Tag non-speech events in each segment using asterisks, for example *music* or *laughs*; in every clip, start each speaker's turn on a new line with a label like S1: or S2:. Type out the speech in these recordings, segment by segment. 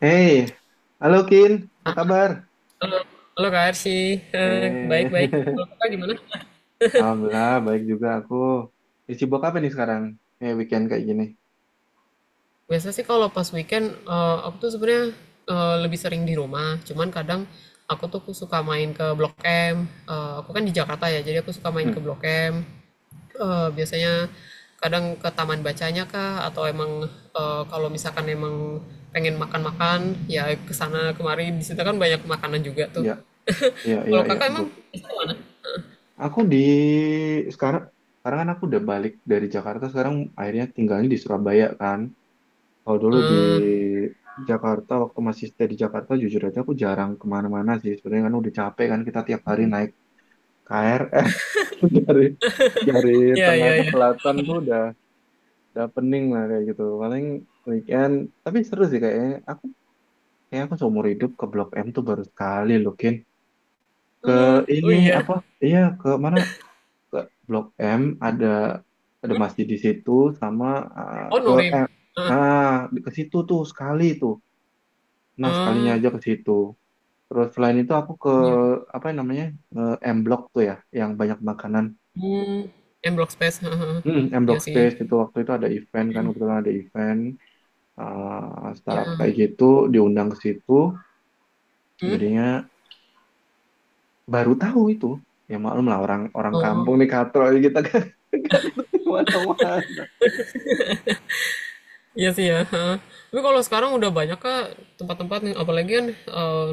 S1: Hey, halo Kin, apa kabar?
S2: Halo, halo Kak Arsi. Eh,
S1: Eh,
S2: Baik-baik. Kalau
S1: *laughs*
S2: Kakak gimana?
S1: Alhamdulillah baik juga aku. Di Cibok apa nih sekarang? Weekend kayak gini.
S2: Biasa sih kalau pas weekend, aku tuh sebenarnya lebih sering di rumah. Cuman kadang aku tuh suka main ke Blok M. Aku kan di Jakarta ya, jadi aku suka main ke
S1: Hmm,
S2: Blok M. Biasanya kadang ke taman bacanya kah, atau emang kalau misalkan emang pengen makan-makan, ya ke sana kemari. Di situ kan banyak makanan juga tuh.
S1: ya,
S2: *laughs*
S1: ya,
S2: Kalau
S1: ya, ya,
S2: kakak
S1: bro.
S2: emang,
S1: Aku di sekarang, sekarang kan aku udah balik dari Jakarta. Sekarang akhirnya tinggalnya di Surabaya kan. Kalau dulu di
S2: eh,
S1: Jakarta, waktu masih stay di Jakarta, jujur aja aku jarang kemana-mana sih. Sebenarnya kan udah capek kan kita tiap hari naik KRL *laughs* dari dari
S2: ya,
S1: tengah
S2: ya,
S1: ke
S2: ya.
S1: selatan tuh udah. Udah pening lah kayak gitu, paling weekend tapi seru sih kayaknya. Kayak aku seumur hidup ke Blok M tuh baru sekali loh Kin, ke
S2: Hmm, oh
S1: ini,
S2: iya.
S1: apa, iya, ke mana, ke Blok M, ada ada masjid di situ sama, ah,
S2: Oh,
S1: ke
S2: Nurib.
S1: M,
S2: Heeh.
S1: ah, ke situ tuh sekali tuh, nah sekalinya
S2: Ah,
S1: aja ke situ. Terus selain itu aku ke
S2: iya.
S1: apa namanya, M Block tuh ya, yang banyak makanan.
S2: Hmm, M Block Space, heeh, heeh.
S1: Hmm, M
S2: Iya
S1: Block
S2: sih.
S1: Space, itu waktu itu ada event kan, kebetulan ada event, startup
S2: Iya.
S1: kayak gitu, diundang ke situ, jadinya baru tahu itu. Ya maklum lah, orang orang
S2: Oh.
S1: kampung nih, katro kita kan, *laughs* nggak ngerti mana-mana.
S2: Iya sih ya, heeh. Tapi kalau sekarang udah banyak kak tempat-tempat nih, apalagi kan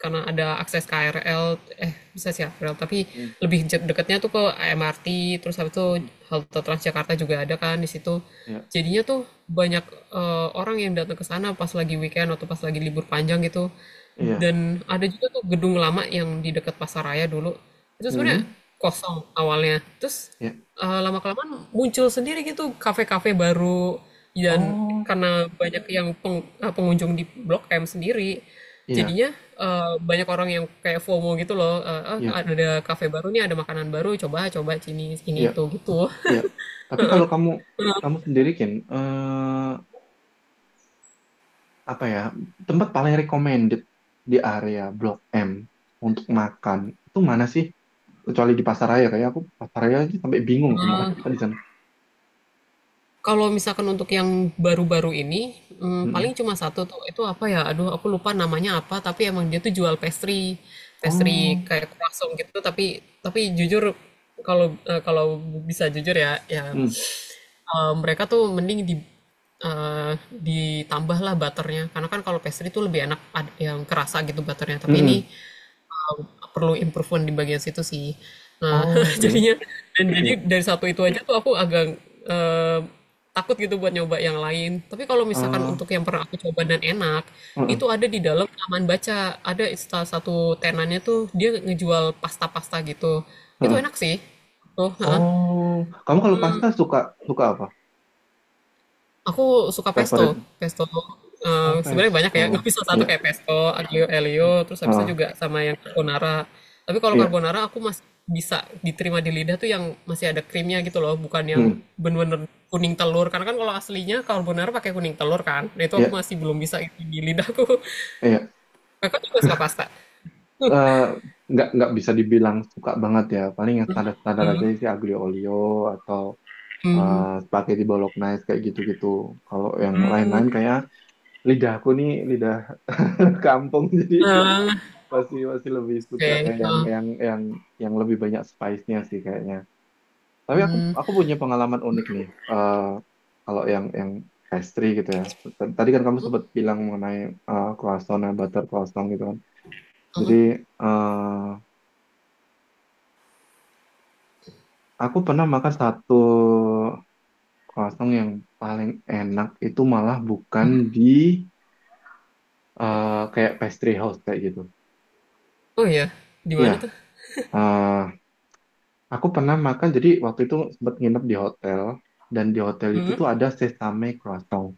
S2: karena ada akses KRL, eh bisa sih KRL, tapi
S1: Hmm,
S2: lebih dekatnya tuh ke MRT, terus habis itu halte Transjakarta juga ada kan di situ.
S1: ya,
S2: Jadinya tuh banyak orang yang datang ke sana pas lagi weekend atau pas lagi libur panjang gitu.
S1: iya,
S2: Dan ada juga tuh gedung lama yang di dekat Pasaraya dulu. Itu sebenarnya
S1: hmm,
S2: kosong awalnya. Terus
S1: ya,
S2: lama kelamaan muncul sendiri gitu kafe-kafe baru dan
S1: oh
S2: karena banyak yang pengunjung di Blok M sendiri
S1: iya,
S2: jadinya banyak orang yang kayak FOMO gitu loh eh, ah,
S1: iya,
S2: ada kafe baru nih ada makanan baru coba coba sini ini
S1: iya,
S2: itu gitu.
S1: iya. Tapi kalau kamu, kamu sendiri kan, apa ya, tempat paling recommended di area Blok M untuk makan itu mana sih? Kecuali di pasaraya, kayak aku pasaraya aja sampai bingung aku makan apa di sana.
S2: Kalau misalkan untuk yang baru-baru ini, paling
S1: Hmm.
S2: cuma satu tuh, itu apa ya, aduh aku lupa namanya apa, tapi emang dia tuh jual pastry, pastry
S1: Oh,
S2: kayak croissant gitu, tapi jujur kalau, kalau bisa jujur ya, ya,
S1: hmm,
S2: mereka tuh mending di eee, ditambahlah butternya, karena kan kalau pastry tuh lebih enak ad yang kerasa gitu butternya,
S1: hmm,
S2: tapi ini
S1: hmm.
S2: um, perlu improvement di bagian situ sih. Nah,
S1: Oh,
S2: *laughs*
S1: oke,
S2: jadinya dan jadi
S1: iya.
S2: dari satu itu aja tuh aku agak eh, takut gitu buat nyoba yang lain. Tapi kalau misalkan
S1: Eh,
S2: untuk yang pernah aku coba dan enak, itu
S1: mm-mm.
S2: ada di dalam taman baca. Ada salah satu tenannya tuh dia ngejual pasta-pasta gitu. Itu enak sih. Tuh, heeh.
S1: Oh, kamu kalau pasta suka suka apa?
S2: Aku suka pesto.
S1: Favorite?
S2: Pesto,
S1: Oh,
S2: sebenarnya banyak ya, nggak
S1: pesto.
S2: bisa satu
S1: Iya,
S2: kayak pesto, aglio
S1: oke.
S2: elio terus habis itu
S1: Ah,
S2: juga sama yang carbonara. Tapi kalau
S1: iya,
S2: carbonara aku masih bisa diterima di lidah tuh yang masih ada krimnya gitu loh, bukan yang
S1: hmm,
S2: bener-bener kuning telur. Karena kan kalau aslinya carbonara pakai kuning telur kan. Nah, itu aku
S1: iya,
S2: masih belum bisa itu di lidahku.
S1: iya.
S2: *laughs* Kakak juga suka pasta?
S1: Eh, nggak bisa dibilang suka banget ya. Paling yang standar-standar aja sih, aglio olio atau
S2: Mmm,
S1: spaghetti bolognese kayak gitu-gitu. Kalau yang lain-lain kayak lidah aku nih, lidah *laughs* kampung jadi.
S2: eee,
S1: Masih masih lebih
S2: oke,
S1: suka kayak yang
S2: heeh.
S1: yang yang yang lebih banyak spice-nya sih kayaknya. Tapi aku punya pengalaman unik nih. eh Kalau yang pastry gitu ya. Tadi kan kamu sempat bilang mengenai croissant ya, butter croissant gitu kan. Jadi, eh aku pernah makan satu croissant yang paling enak itu malah bukan di, kayak pastry house kayak gitu.
S2: Oh, iya? Di mana
S1: Iya,
S2: tuh?
S1: eh. Aku pernah makan, jadi waktu itu sempat nginep di hotel, dan di hotel itu
S2: Mhm?
S1: tuh ada sesame croissant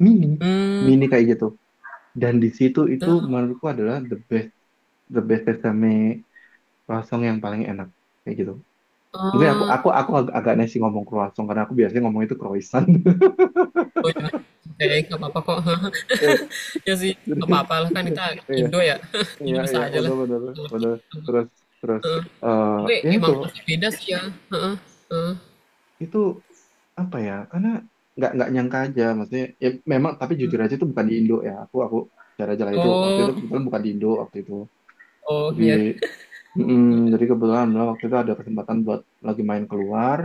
S1: mini,
S2: Mmm,
S1: mini kayak gitu. Dan di situ itu
S2: eee,
S1: menurutku adalah the best sesame croissant yang paling enak, kayak gitu. Mungkin aku
S2: oh.
S1: aku aku agak, agak nasi ngomong croissant, karena aku biasanya ngomong itu croissant. *laughs*
S2: Oh ya, oke nggak apa-apa kok. *laughs*
S1: Eh,
S2: Ya sih,
S1: jadi
S2: nggak apa-apa lah kan kita
S1: *laughs* iya,
S2: Indo ya. *laughs* Jadi
S1: iya,
S2: bisa
S1: iya,
S2: aja lah.
S1: benar benar benar, terus terus
S2: Heeh. Tapi
S1: ya itu
S2: emang pasti beda sih ya. Heeh, heeh.
S1: itu apa ya, karena nggak nyangka aja maksudnya. Ya memang tapi jujur aja itu bukan di Indo ya, aku cara jalan itu waktu itu,
S2: Oh,
S1: kebetulan bukan di Indo waktu itu.
S2: oh
S1: Jadi,
S2: ya.
S1: mm, jadi kebetulan lah waktu itu ada kesempatan buat lagi main keluar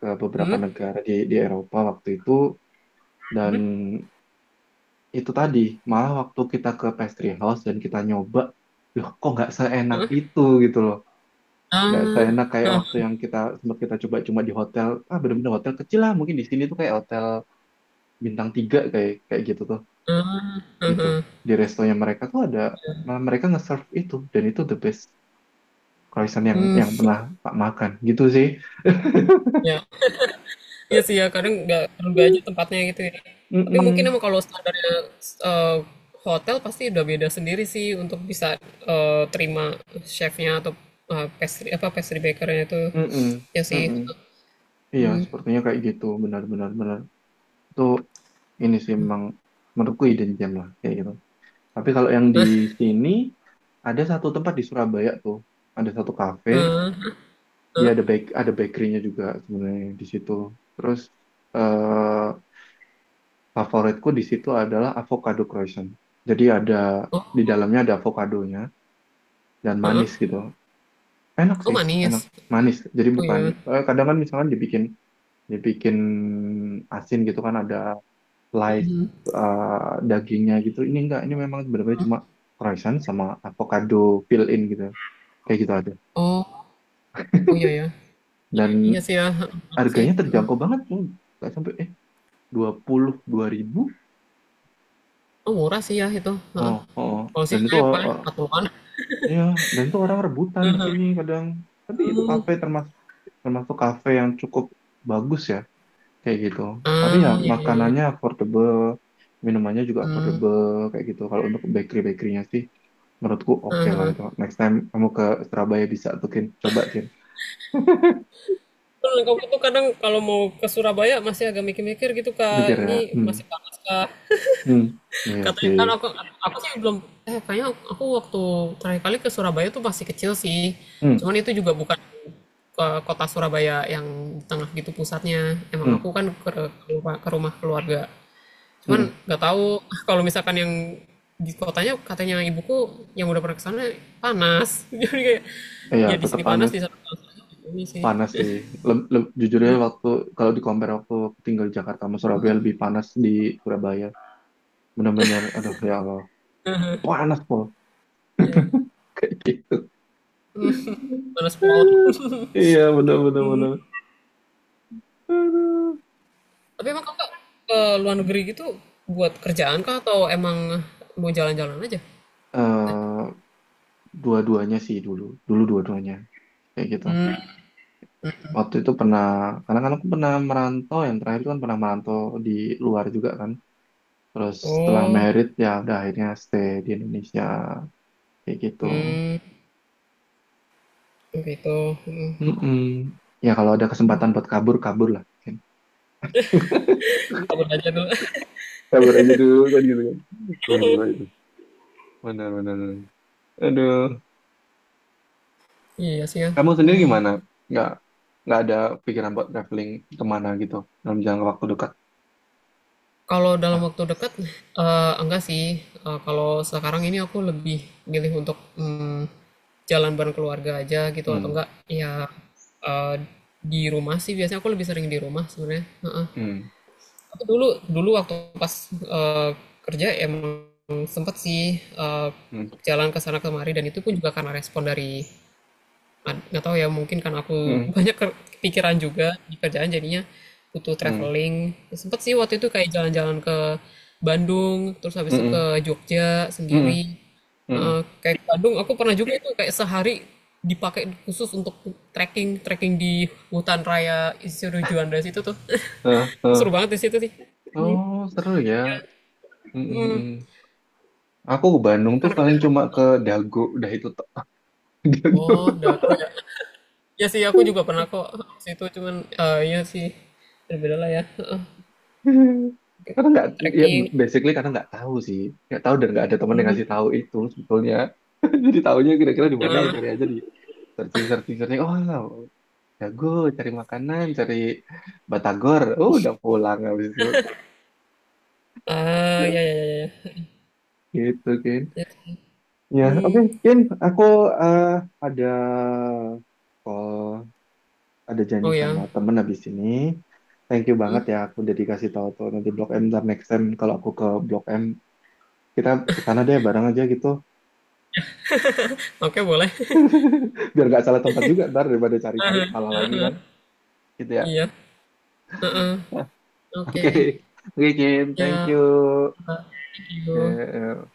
S1: ke beberapa
S2: Hmm?
S1: negara di Eropa waktu itu. Dan itu tadi, malah waktu kita ke pastry house dan kita nyoba, loh kok nggak seenak itu gitu loh, nggak
S2: Ah,
S1: seenak kayak
S2: hah,
S1: waktu yang kita sempat kita coba cuma di hotel. Ah, bener-bener hotel kecil lah, mungkin di sini tuh kayak hotel bintang tiga kayak kayak gitu tuh gitu. Di restonya mereka tuh ada, malah mereka nge-serve itu, dan itu the best croissant yang pernah tak makan gitu sih.
S2: ya. Iya sih ya, kadang nggak terduga aja tempatnya gitu ya. Tapi mungkin
S1: Mm-mm.
S2: emang kalau standarnya eh, hotel pasti udah beda sendiri sih untuk bisa terima chefnya atau pastry apa pastry bakernya itu.
S1: Mm-mm.
S2: Ya sih.
S1: Mm-mm. Iya, sepertinya kayak gitu, benar-benar benar. Itu ini sih memang menurutku hidden gem lah kayak gitu. Tapi kalau yang di sini, ada satu tempat di Surabaya tuh, ada satu cafe, dia ada ada bakerynya juga sebenarnya di situ. Terus, eh favoritku di situ adalah avocado croissant. Jadi ada di dalamnya ada avokadonya, dan
S2: Heeh.
S1: manis gitu. Enak
S2: Oh
S1: sih, enak,
S2: manis.
S1: manis. Jadi
S2: Oh
S1: bukan,
S2: ya,
S1: kadang kan misalkan dibikin dibikin asin gitu kan ada slice, dagingnya gitu. Ini enggak, ini memang benar-benar cuma croissant sama avocado fill in gitu. Kayak gitu aja.
S2: oh oh iya ya, iya
S1: Dan
S2: iya sih ya, heeh, murah sih,
S1: harganya
S2: mhm,
S1: terjangkau banget, cuy. Nggak sampai 22.000.
S2: oh murah sih ya itu,
S1: Oh,
S2: heeh,
S1: oh, oh.
S2: kalau sini
S1: Dan itu,
S2: saya paling patungan,
S1: ya, dan itu orang rebutan di sini kadang. Tapi itu
S2: mmm,
S1: kafe termasuk, termasuk kafe yang cukup bagus ya, kayak gitu. Tapi ya
S2: ah, iya, iya, iya,
S1: makanannya affordable, minumannya juga
S2: mmm,
S1: affordable, kayak gitu. Kalau untuk bakery-bakerynya sih, menurutku oke
S2: heeh,
S1: lah
S2: heeh.
S1: itu. Next time kamu ke Surabaya bisa tuh Kin, coba Kin.
S2: Bener, kamu tuh kadang kalau mau ke Surabaya masih agak mikir-mikir gitu,
S1: Mikir
S2: Kak,
S1: ya,
S2: ini
S1: hmm,
S2: masih panas kah?
S1: hmm, iya
S2: Katanya
S1: sih,
S2: kan aku sih belum kayaknya aku waktu terakhir kali ke Surabaya tuh masih kecil sih,
S1: hmm,
S2: cuman itu juga bukan ke kota Surabaya yang di tengah gitu pusatnya, emang aku
S1: hmm,
S2: kan ke ke rumah keluarga.
S1: hmm,
S2: Cuman
S1: hmm.
S2: nggak tahu *laughs* kalau misalkan yang di kotanya katanya ibuku yang udah pernah ke sana panas. *laughs* Jadi kayak
S1: Iya,
S2: ya di
S1: tetap
S2: sini panas
S1: panas,
S2: di sana panas ini sih.
S1: panas sih. Jujurnya waktu, kalau di compare waktu tinggal di Jakarta sama Surabaya, lebih panas di Surabaya, benar-benar aduh ya Allah, panas pol. *laughs*
S2: Panas pulau. *laughs*
S1: Iya, benar-benar benar. Aduh.
S2: Tapi emang kakak ke luar negeri gitu buat kerjaan kah atau emang mau jalan-jalan aja?
S1: eh Dua-duanya sih, dulu dulu dua-duanya kayak gitu, waktu itu pernah, karena kan aku pernah merantau yang terakhir itu kan pernah merantau di luar juga kan. Terus setelah
S2: Oh,
S1: merit ya udah, akhirnya stay di Indonesia kayak gitu.
S2: hmm, gitu. Hmm.
S1: Mm-mm. Ya kalau ada kesempatan buat kabur, kabur lah mungkin.
S2: Aku belajar dulu. *laughs*
S1: Sabar aja dulu kan gitu kan. Bener, bener. Bener, benar-benar. Aduh.
S2: Iya sih ya.
S1: Kamu sendiri
S2: Hmm.
S1: gimana? Nggak, nggak Ada pikiran buat traveling kemana gitu dalam jangka waktu dekat?
S2: Kalau dalam waktu dekat, enggak sih, kalau sekarang ini aku lebih milih untuk, jalan bareng keluarga aja gitu atau
S1: Hmm,
S2: enggak ya, eee, di rumah sih biasanya aku lebih sering di rumah sebenarnya, heeh.
S1: hmm,
S2: Aku dulu dulu waktu pas, kerja emang sempet sih,
S1: hmm,
S2: jalan ke sana kemari dan itu pun juga karena respon dari nggak tahu ya mungkin kan aku
S1: hmm,
S2: *laughs* banyak pikiran juga di kerjaan jadinya butuh
S1: hmm,
S2: traveling sempet sih waktu itu kayak jalan-jalan ke Bandung terus
S1: hmm,
S2: habis itu
S1: hmm,
S2: ke
S1: hmm,
S2: Jogja
S1: hmm,
S2: sendiri.
S1: hmm.
S2: Eh, kayak ke Bandung aku pernah juga itu kayak sehari dipakai khusus untuk trekking trekking di hutan raya Insinyur Juanda situ tuh.
S1: Eh,
S2: *laughs* Seru
S1: eh.
S2: banget di situ sih
S1: Oh, seru ya. Hmm, hmm, hmm. Aku ke Bandung tuh
S2: karena
S1: paling
S2: kan-
S1: cuma ke Dago, udah itu tok. *laughs* Dago.
S2: oh dago ya, ya sih aku juga pernah kok situ cuman iya sih berbeda lah ya. Heeh.
S1: Karena nggak, Ya
S2: Trekking.
S1: basically karena nggak tahu sih, nggak tahu dan nggak ada teman yang ngasih tahu itu sebetulnya. *laughs* Jadi tahunya kira-kira di mana, ya cari aja di searching searching searching. Oh, jago cari makanan, cari batagor, oh, udah pulang habis itu
S2: Ah, ya ya ya ya.
S1: gitu Kin.
S2: Ya.
S1: Ya oke
S2: Hmm.
S1: Kin, aku eh, ada call, ada janji
S2: Oh ya.
S1: sama temen habis ini. Thank you banget ya, aku udah dikasih tahu tuh. Nanti Blok M, ntar next time kalau aku ke Blok M, kita ke sana deh bareng aja gitu.
S2: Oke, boleh. *laughs*
S1: *laughs* Biar nggak salah tempat juga ntar, daripada cari-cari salah lagi kan, gitu ya.
S2: Iya. Heeh.
S1: *laughs*
S2: Oke.
S1: Oke, oke Kin, thank
S2: Ya.
S1: you.
S2: Thank
S1: Oke,
S2: you.
S1: eh,